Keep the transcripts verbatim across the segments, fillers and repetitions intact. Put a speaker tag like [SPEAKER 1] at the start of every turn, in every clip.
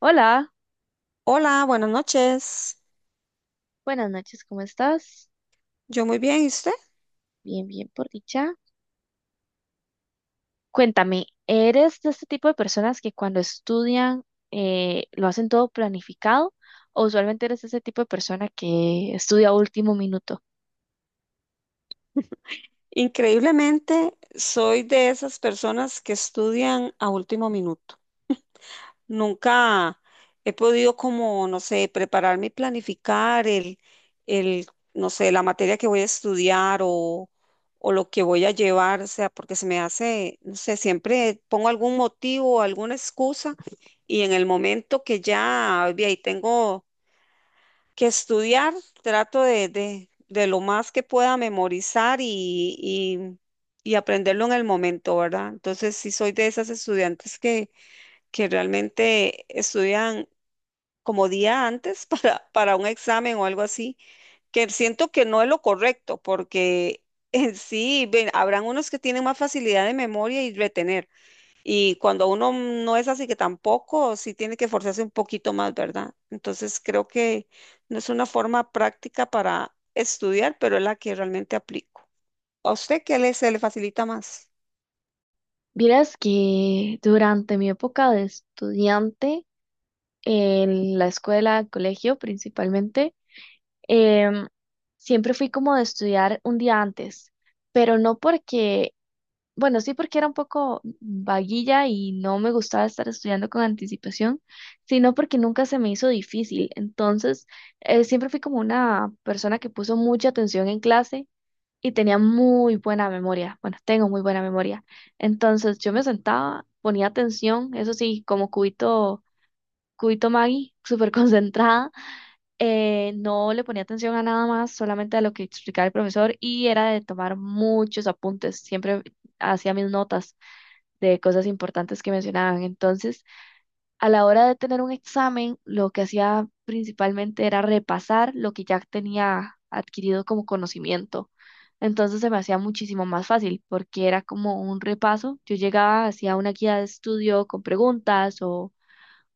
[SPEAKER 1] Hola,
[SPEAKER 2] Hola, buenas noches.
[SPEAKER 1] buenas noches, ¿cómo estás?
[SPEAKER 2] Yo muy bien, ¿y usted?
[SPEAKER 1] Bien, bien, por dicha. Cuéntame, ¿eres de este tipo de personas que cuando estudian eh, lo hacen todo planificado o usualmente eres ese tipo de persona que estudia a último minuto?
[SPEAKER 2] Increíblemente, soy de esas personas que estudian a último minuto. Nunca he podido como, no sé, prepararme y planificar el, el, no sé, la materia que voy a estudiar o, o lo que voy a llevar, o sea, porque se me hace, no sé, siempre pongo algún motivo, alguna excusa y en el momento que ya, ve, ahí tengo que estudiar, trato de, de, de lo más que pueda memorizar y, y, y aprenderlo en el momento, ¿verdad? Entonces, sí soy de esas estudiantes que, que realmente estudian como día antes para, para un examen o algo así, que siento que no es lo correcto, porque en sí, ven, habrán unos que tienen más facilidad de memoria y retener y cuando uno no es así que tampoco, sí tiene que forzarse un poquito más, ¿verdad? Entonces creo que no es una forma práctica para estudiar, pero es la que realmente aplico. ¿A usted qué le, se le facilita más?
[SPEAKER 1] Vieras que durante mi época de estudiante, en la escuela, colegio principalmente, em, siempre fui como de estudiar un día antes, pero no porque Bueno, sí, porque era un poco vaguilla y no me gustaba estar estudiando con anticipación, sino porque nunca se me hizo difícil. Entonces, eh, siempre fui como una persona que puso mucha atención en clase y tenía muy buena memoria. Bueno, tengo muy buena memoria. Entonces, yo me sentaba, ponía atención, eso sí, como cubito, cubito Maggie, súper concentrada. Eh, no le ponía atención a nada más, solamente a lo que explicaba el profesor y era de tomar muchos apuntes. Siempre hacía mis notas de cosas importantes que mencionaban. Entonces, a la hora de tener un examen, lo que hacía principalmente era repasar lo que ya tenía adquirido como conocimiento. Entonces se me hacía muchísimo más fácil porque era como un repaso. Yo llegaba, hacía una guía de estudio con preguntas o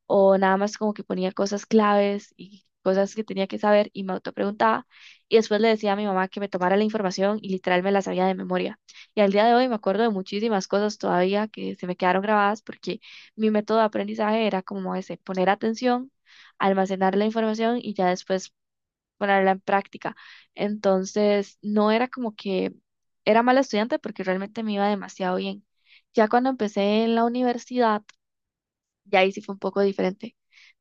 [SPEAKER 1] o nada más como que ponía cosas claves y cosas que tenía que saber y me autopreguntaba y después le decía a mi mamá que me tomara la información y literal me la sabía de memoria. Y al día de hoy me acuerdo de muchísimas cosas todavía que se me quedaron grabadas porque mi método de aprendizaje era como ese, poner atención, almacenar la información y ya después ponerla en práctica. Entonces, no era como que era mala estudiante porque realmente me iba demasiado bien. Ya cuando empecé en la universidad, y ahí sí fue un poco diferente,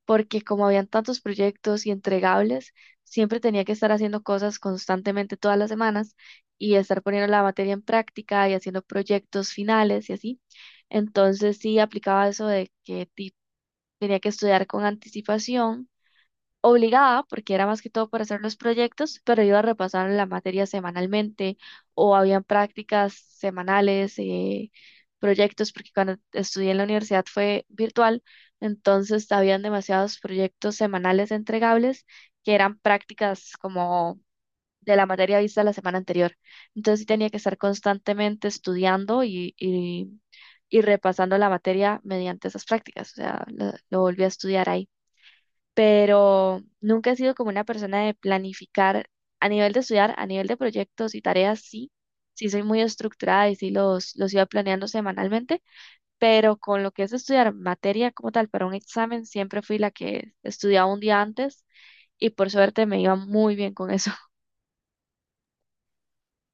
[SPEAKER 1] porque como habían tantos proyectos y entregables, siempre tenía que estar haciendo cosas constantemente todas las semanas y estar poniendo la materia en práctica y haciendo proyectos finales y así. Entonces sí aplicaba eso de que ti- tenía que estudiar con anticipación obligada, porque era más que todo para hacer los proyectos, pero iba a repasar la materia semanalmente o habían prácticas semanales, eh, proyectos, porque cuando estudié en la universidad fue virtual, entonces habían demasiados proyectos semanales entregables que eran prácticas como de la materia vista la semana anterior. Entonces sí tenía que estar constantemente estudiando y, y, y repasando la materia mediante esas prácticas, o sea, lo lo volví a estudiar ahí, pero nunca he sido como una persona de planificar a nivel de estudiar. A nivel de proyectos y tareas, sí, sí soy muy estructurada y sí los, los iba planeando semanalmente, pero con lo que es estudiar materia como tal para un examen, siempre fui la que estudiaba un día antes y por suerte me iba muy bien con eso.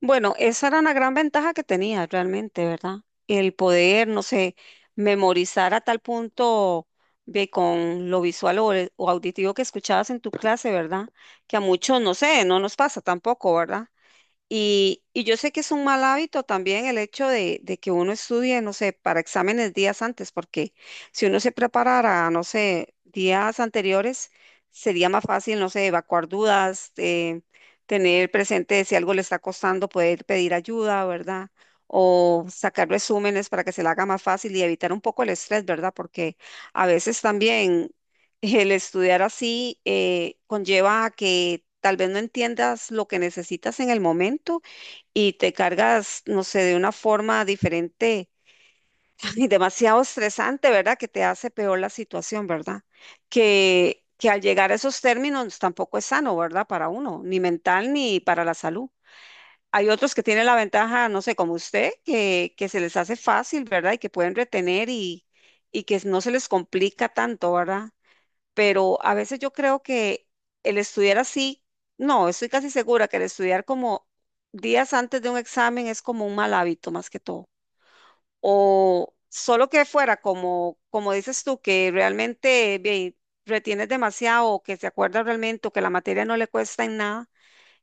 [SPEAKER 2] Bueno, esa era una gran ventaja que tenía realmente, ¿verdad? El poder, no sé, memorizar a tal punto de con lo visual o, el- o auditivo que escuchabas en tu clase, ¿verdad? Que a muchos, no sé, no nos pasa tampoco, ¿verdad? Y, y yo sé que es un mal hábito también el hecho de, de que uno estudie, no sé, para exámenes días antes, porque si uno se preparara, no sé, días anteriores, sería más fácil, no sé, evacuar dudas, eh, tener presente si algo le está costando, poder pedir ayuda, ¿verdad? O sacar resúmenes para que se le haga más fácil y evitar un poco el estrés, ¿verdad? Porque a veces también el estudiar así eh, conlleva a que tal vez no entiendas lo que necesitas en el momento y te cargas, no sé, de una forma diferente y demasiado estresante, ¿verdad? Que te hace peor la situación, ¿verdad? Que, que al llegar a esos términos tampoco es sano, ¿verdad? Para uno, ni mental ni para la salud. Hay otros que tienen la ventaja, no sé, como usted, que, que se les hace fácil, ¿verdad? Y que pueden retener y, y que no se les complica tanto, ¿verdad? Pero a veces yo creo que el estudiar así, no, estoy casi segura que el estudiar como días antes de un examen es como un mal hábito más que todo. O solo que fuera como, como dices tú, que realmente ve, retienes demasiado o que se acuerda realmente o que la materia no le cuesta en nada,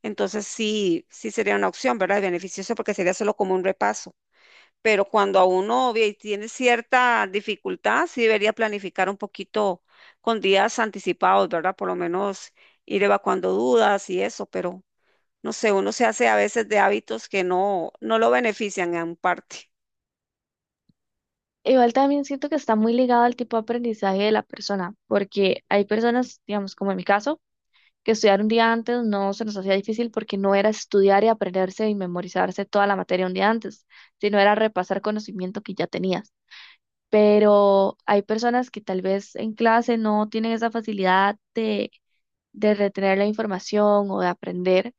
[SPEAKER 2] entonces sí, sí sería una opción, ¿verdad? Y beneficioso porque sería solo como un repaso pero cuando a uno ve- tiene cierta dificultad, sí debería planificar un poquito con días anticipados, ¿verdad? Por lo menos ir evacuando dudas y eso, pero no sé, uno se hace a veces de hábitos que no, no lo benefician en parte.
[SPEAKER 1] Igual también siento que está muy ligado al tipo de aprendizaje de la persona, porque hay personas, digamos, como en mi caso, que estudiar un día antes no se nos hacía difícil porque no era estudiar y aprenderse y memorizarse toda la materia un día antes, sino era repasar conocimiento que ya tenías. Pero hay personas que tal vez en clase no tienen esa facilidad de, de retener la información o de aprender,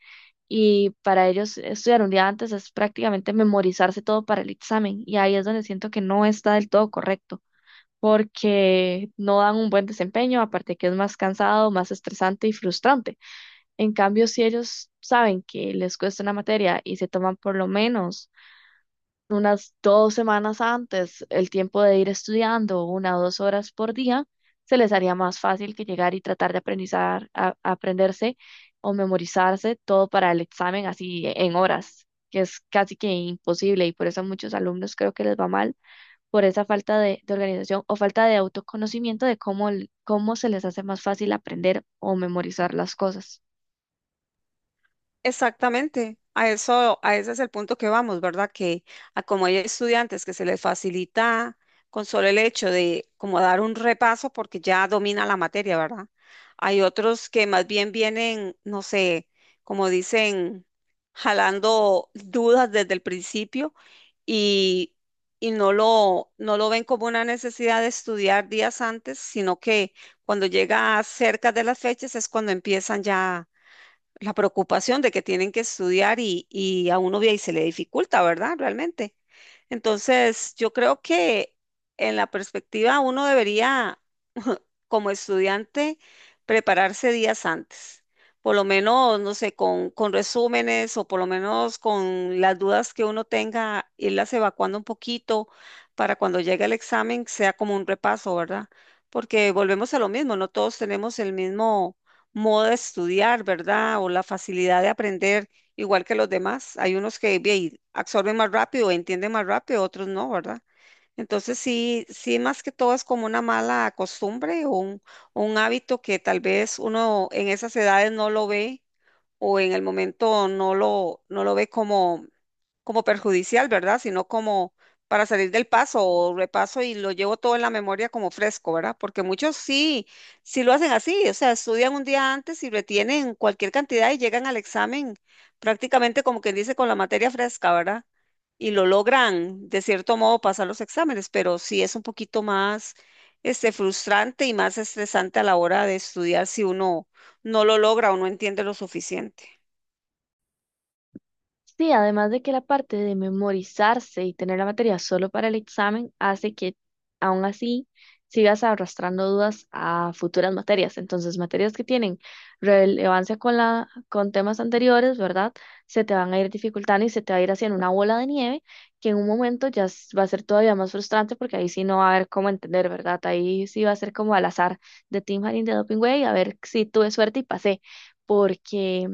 [SPEAKER 1] y para ellos estudiar un día antes es prácticamente memorizarse todo para el examen y ahí es donde siento que no está del todo correcto porque no dan un buen desempeño, aparte que es más cansado, más estresante y frustrante. En cambio, si ellos saben que les cuesta una materia y se toman por lo menos unas dos semanas antes el tiempo de ir estudiando una o dos horas por día, se les haría más fácil que llegar y tratar de aprendizar, a- aprenderse o memorizarse todo para el examen así en horas, que es casi que imposible, y por eso a muchos alumnos creo que les va mal por esa falta de, de organización o falta de autoconocimiento de cómo, el- cómo se les hace más fácil aprender o memorizar las cosas.
[SPEAKER 2] Exactamente, a eso, a ese es el punto que vamos, ¿verdad? Que a como hay estudiantes que se les facilita con solo el hecho de como dar un repaso porque ya domina la materia, ¿verdad? Hay otros que más bien vienen, no sé, como dicen, jalando dudas desde el principio y, y no lo, no lo ven como una necesidad de estudiar días antes, sino que cuando llega cerca de las fechas es cuando empiezan ya la preocupación de que tienen que estudiar y, y a uno ve y se le dificulta, ¿verdad? Realmente. Entonces, yo creo que en la perspectiva uno debería como estudiante prepararse días antes, por lo menos, no sé, con, con resúmenes o por lo menos con las dudas que uno tenga, irlas evacuando un poquito para cuando llegue el examen sea como un repaso, ¿verdad? Porque volvemos a lo mismo, no todos tenemos el mismo modo de estudiar, ¿verdad? O la facilidad de aprender igual que los demás. Hay unos que bien, absorben más rápido, entienden más rápido, otros no, ¿verdad? Entonces sí, sí, más que todo es como una mala costumbre o un, un hábito que tal vez uno en esas edades no lo ve o en el momento no lo, no lo ve como como perjudicial, ¿verdad? Sino como para salir del paso o repaso y lo llevo todo en la memoria como fresco, ¿verdad? Porque muchos sí, sí lo hacen así, o sea, estudian un día antes y retienen cualquier cantidad y llegan al examen prácticamente como quien dice con la materia fresca, ¿verdad? Y lo logran de cierto modo pasar los exámenes, pero sí es un poquito más este, frustrante y más estresante a la hora de estudiar si uno no lo logra o no entiende lo suficiente.
[SPEAKER 1] Sí, además de que la parte de memorizarse y tener la materia solo para el examen hace que aún así sigas arrastrando dudas a futuras materias. Entonces, materias que tienen relevancia con la, con temas anteriores, ¿verdad? Se te van a ir dificultando y se te va a ir haciendo una bola de nieve que en un momento ya s- va a ser todavía más frustrante porque ahí sí no va a haber cómo entender, ¿verdad? Ahí sí va a ser como al azar de Team Harin de Doping Way, a ver si tuve suerte y pasé, porque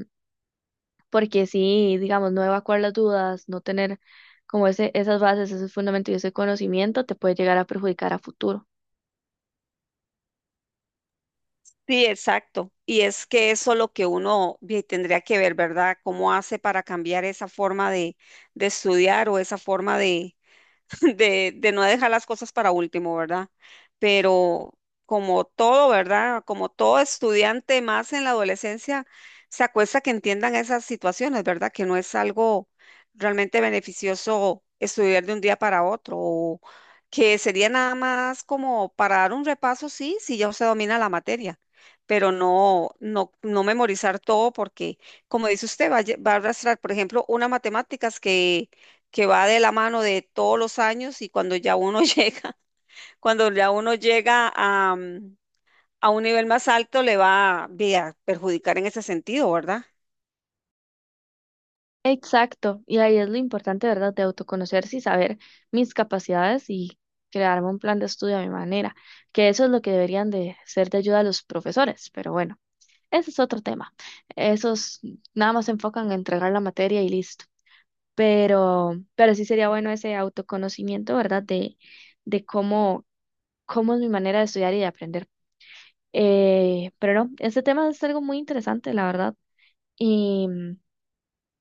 [SPEAKER 1] porque sí, digamos, no evacuar las dudas, no tener como ese, esas bases, ese fundamento y ese conocimiento te puede llegar a perjudicar a futuro.
[SPEAKER 2] Sí, exacto. Y es que eso lo que uno ve- tendría que ver, ¿verdad? ¿Cómo hace para cambiar esa forma de, de estudiar o esa forma de, de, de no dejar las cosas para último, ¿verdad? Pero como todo, ¿verdad? Como todo estudiante más en la adolescencia, se acuesta que entiendan esas situaciones, ¿verdad? Que no es algo realmente beneficioso estudiar de un día para otro, o que sería nada más como para dar un repaso, sí, si ya se domina la materia. Pero no, no, no memorizar todo porque, como dice usted, va a, lle- va a arrastrar, por ejemplo, una matemáticas que que va de la mano de todos los años y cuando ya uno llega, cuando ya uno llega a, mm, a un nivel más alto, le va ve, a perjudicar en ese sentido, ¿verdad?
[SPEAKER 1] Exacto, y ahí es lo importante, ¿verdad?, de autoconocerse y saber mis capacidades y crearme un plan de estudio a mi manera, que eso es lo que deberían de ser de ayuda a los profesores, pero bueno, ese es otro tema. Esos nada más se enfocan en entregar la materia y listo. Pero, pero sí sería bueno ese autoconocimiento, ¿verdad? De, de cómo cómo es mi manera de estudiar y de aprender. Eh, pero no, este tema es algo muy interesante, la verdad. Y,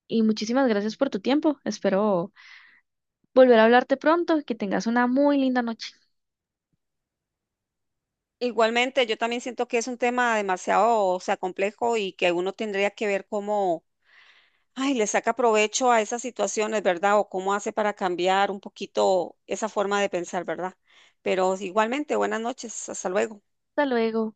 [SPEAKER 1] y muchísimas gracias por tu tiempo. Espero volver a hablarte pronto y que tengas una muy linda noche.
[SPEAKER 2] Igualmente, yo también siento que es un tema demasiado, o sea, complejo y que uno tendría que ver cómo, ay, le saca provecho a esas situaciones, ¿verdad? O cómo hace para cambiar un poquito esa forma de pensar, ¿verdad? Pero igualmente, buenas noches, hasta luego.
[SPEAKER 1] Hasta luego.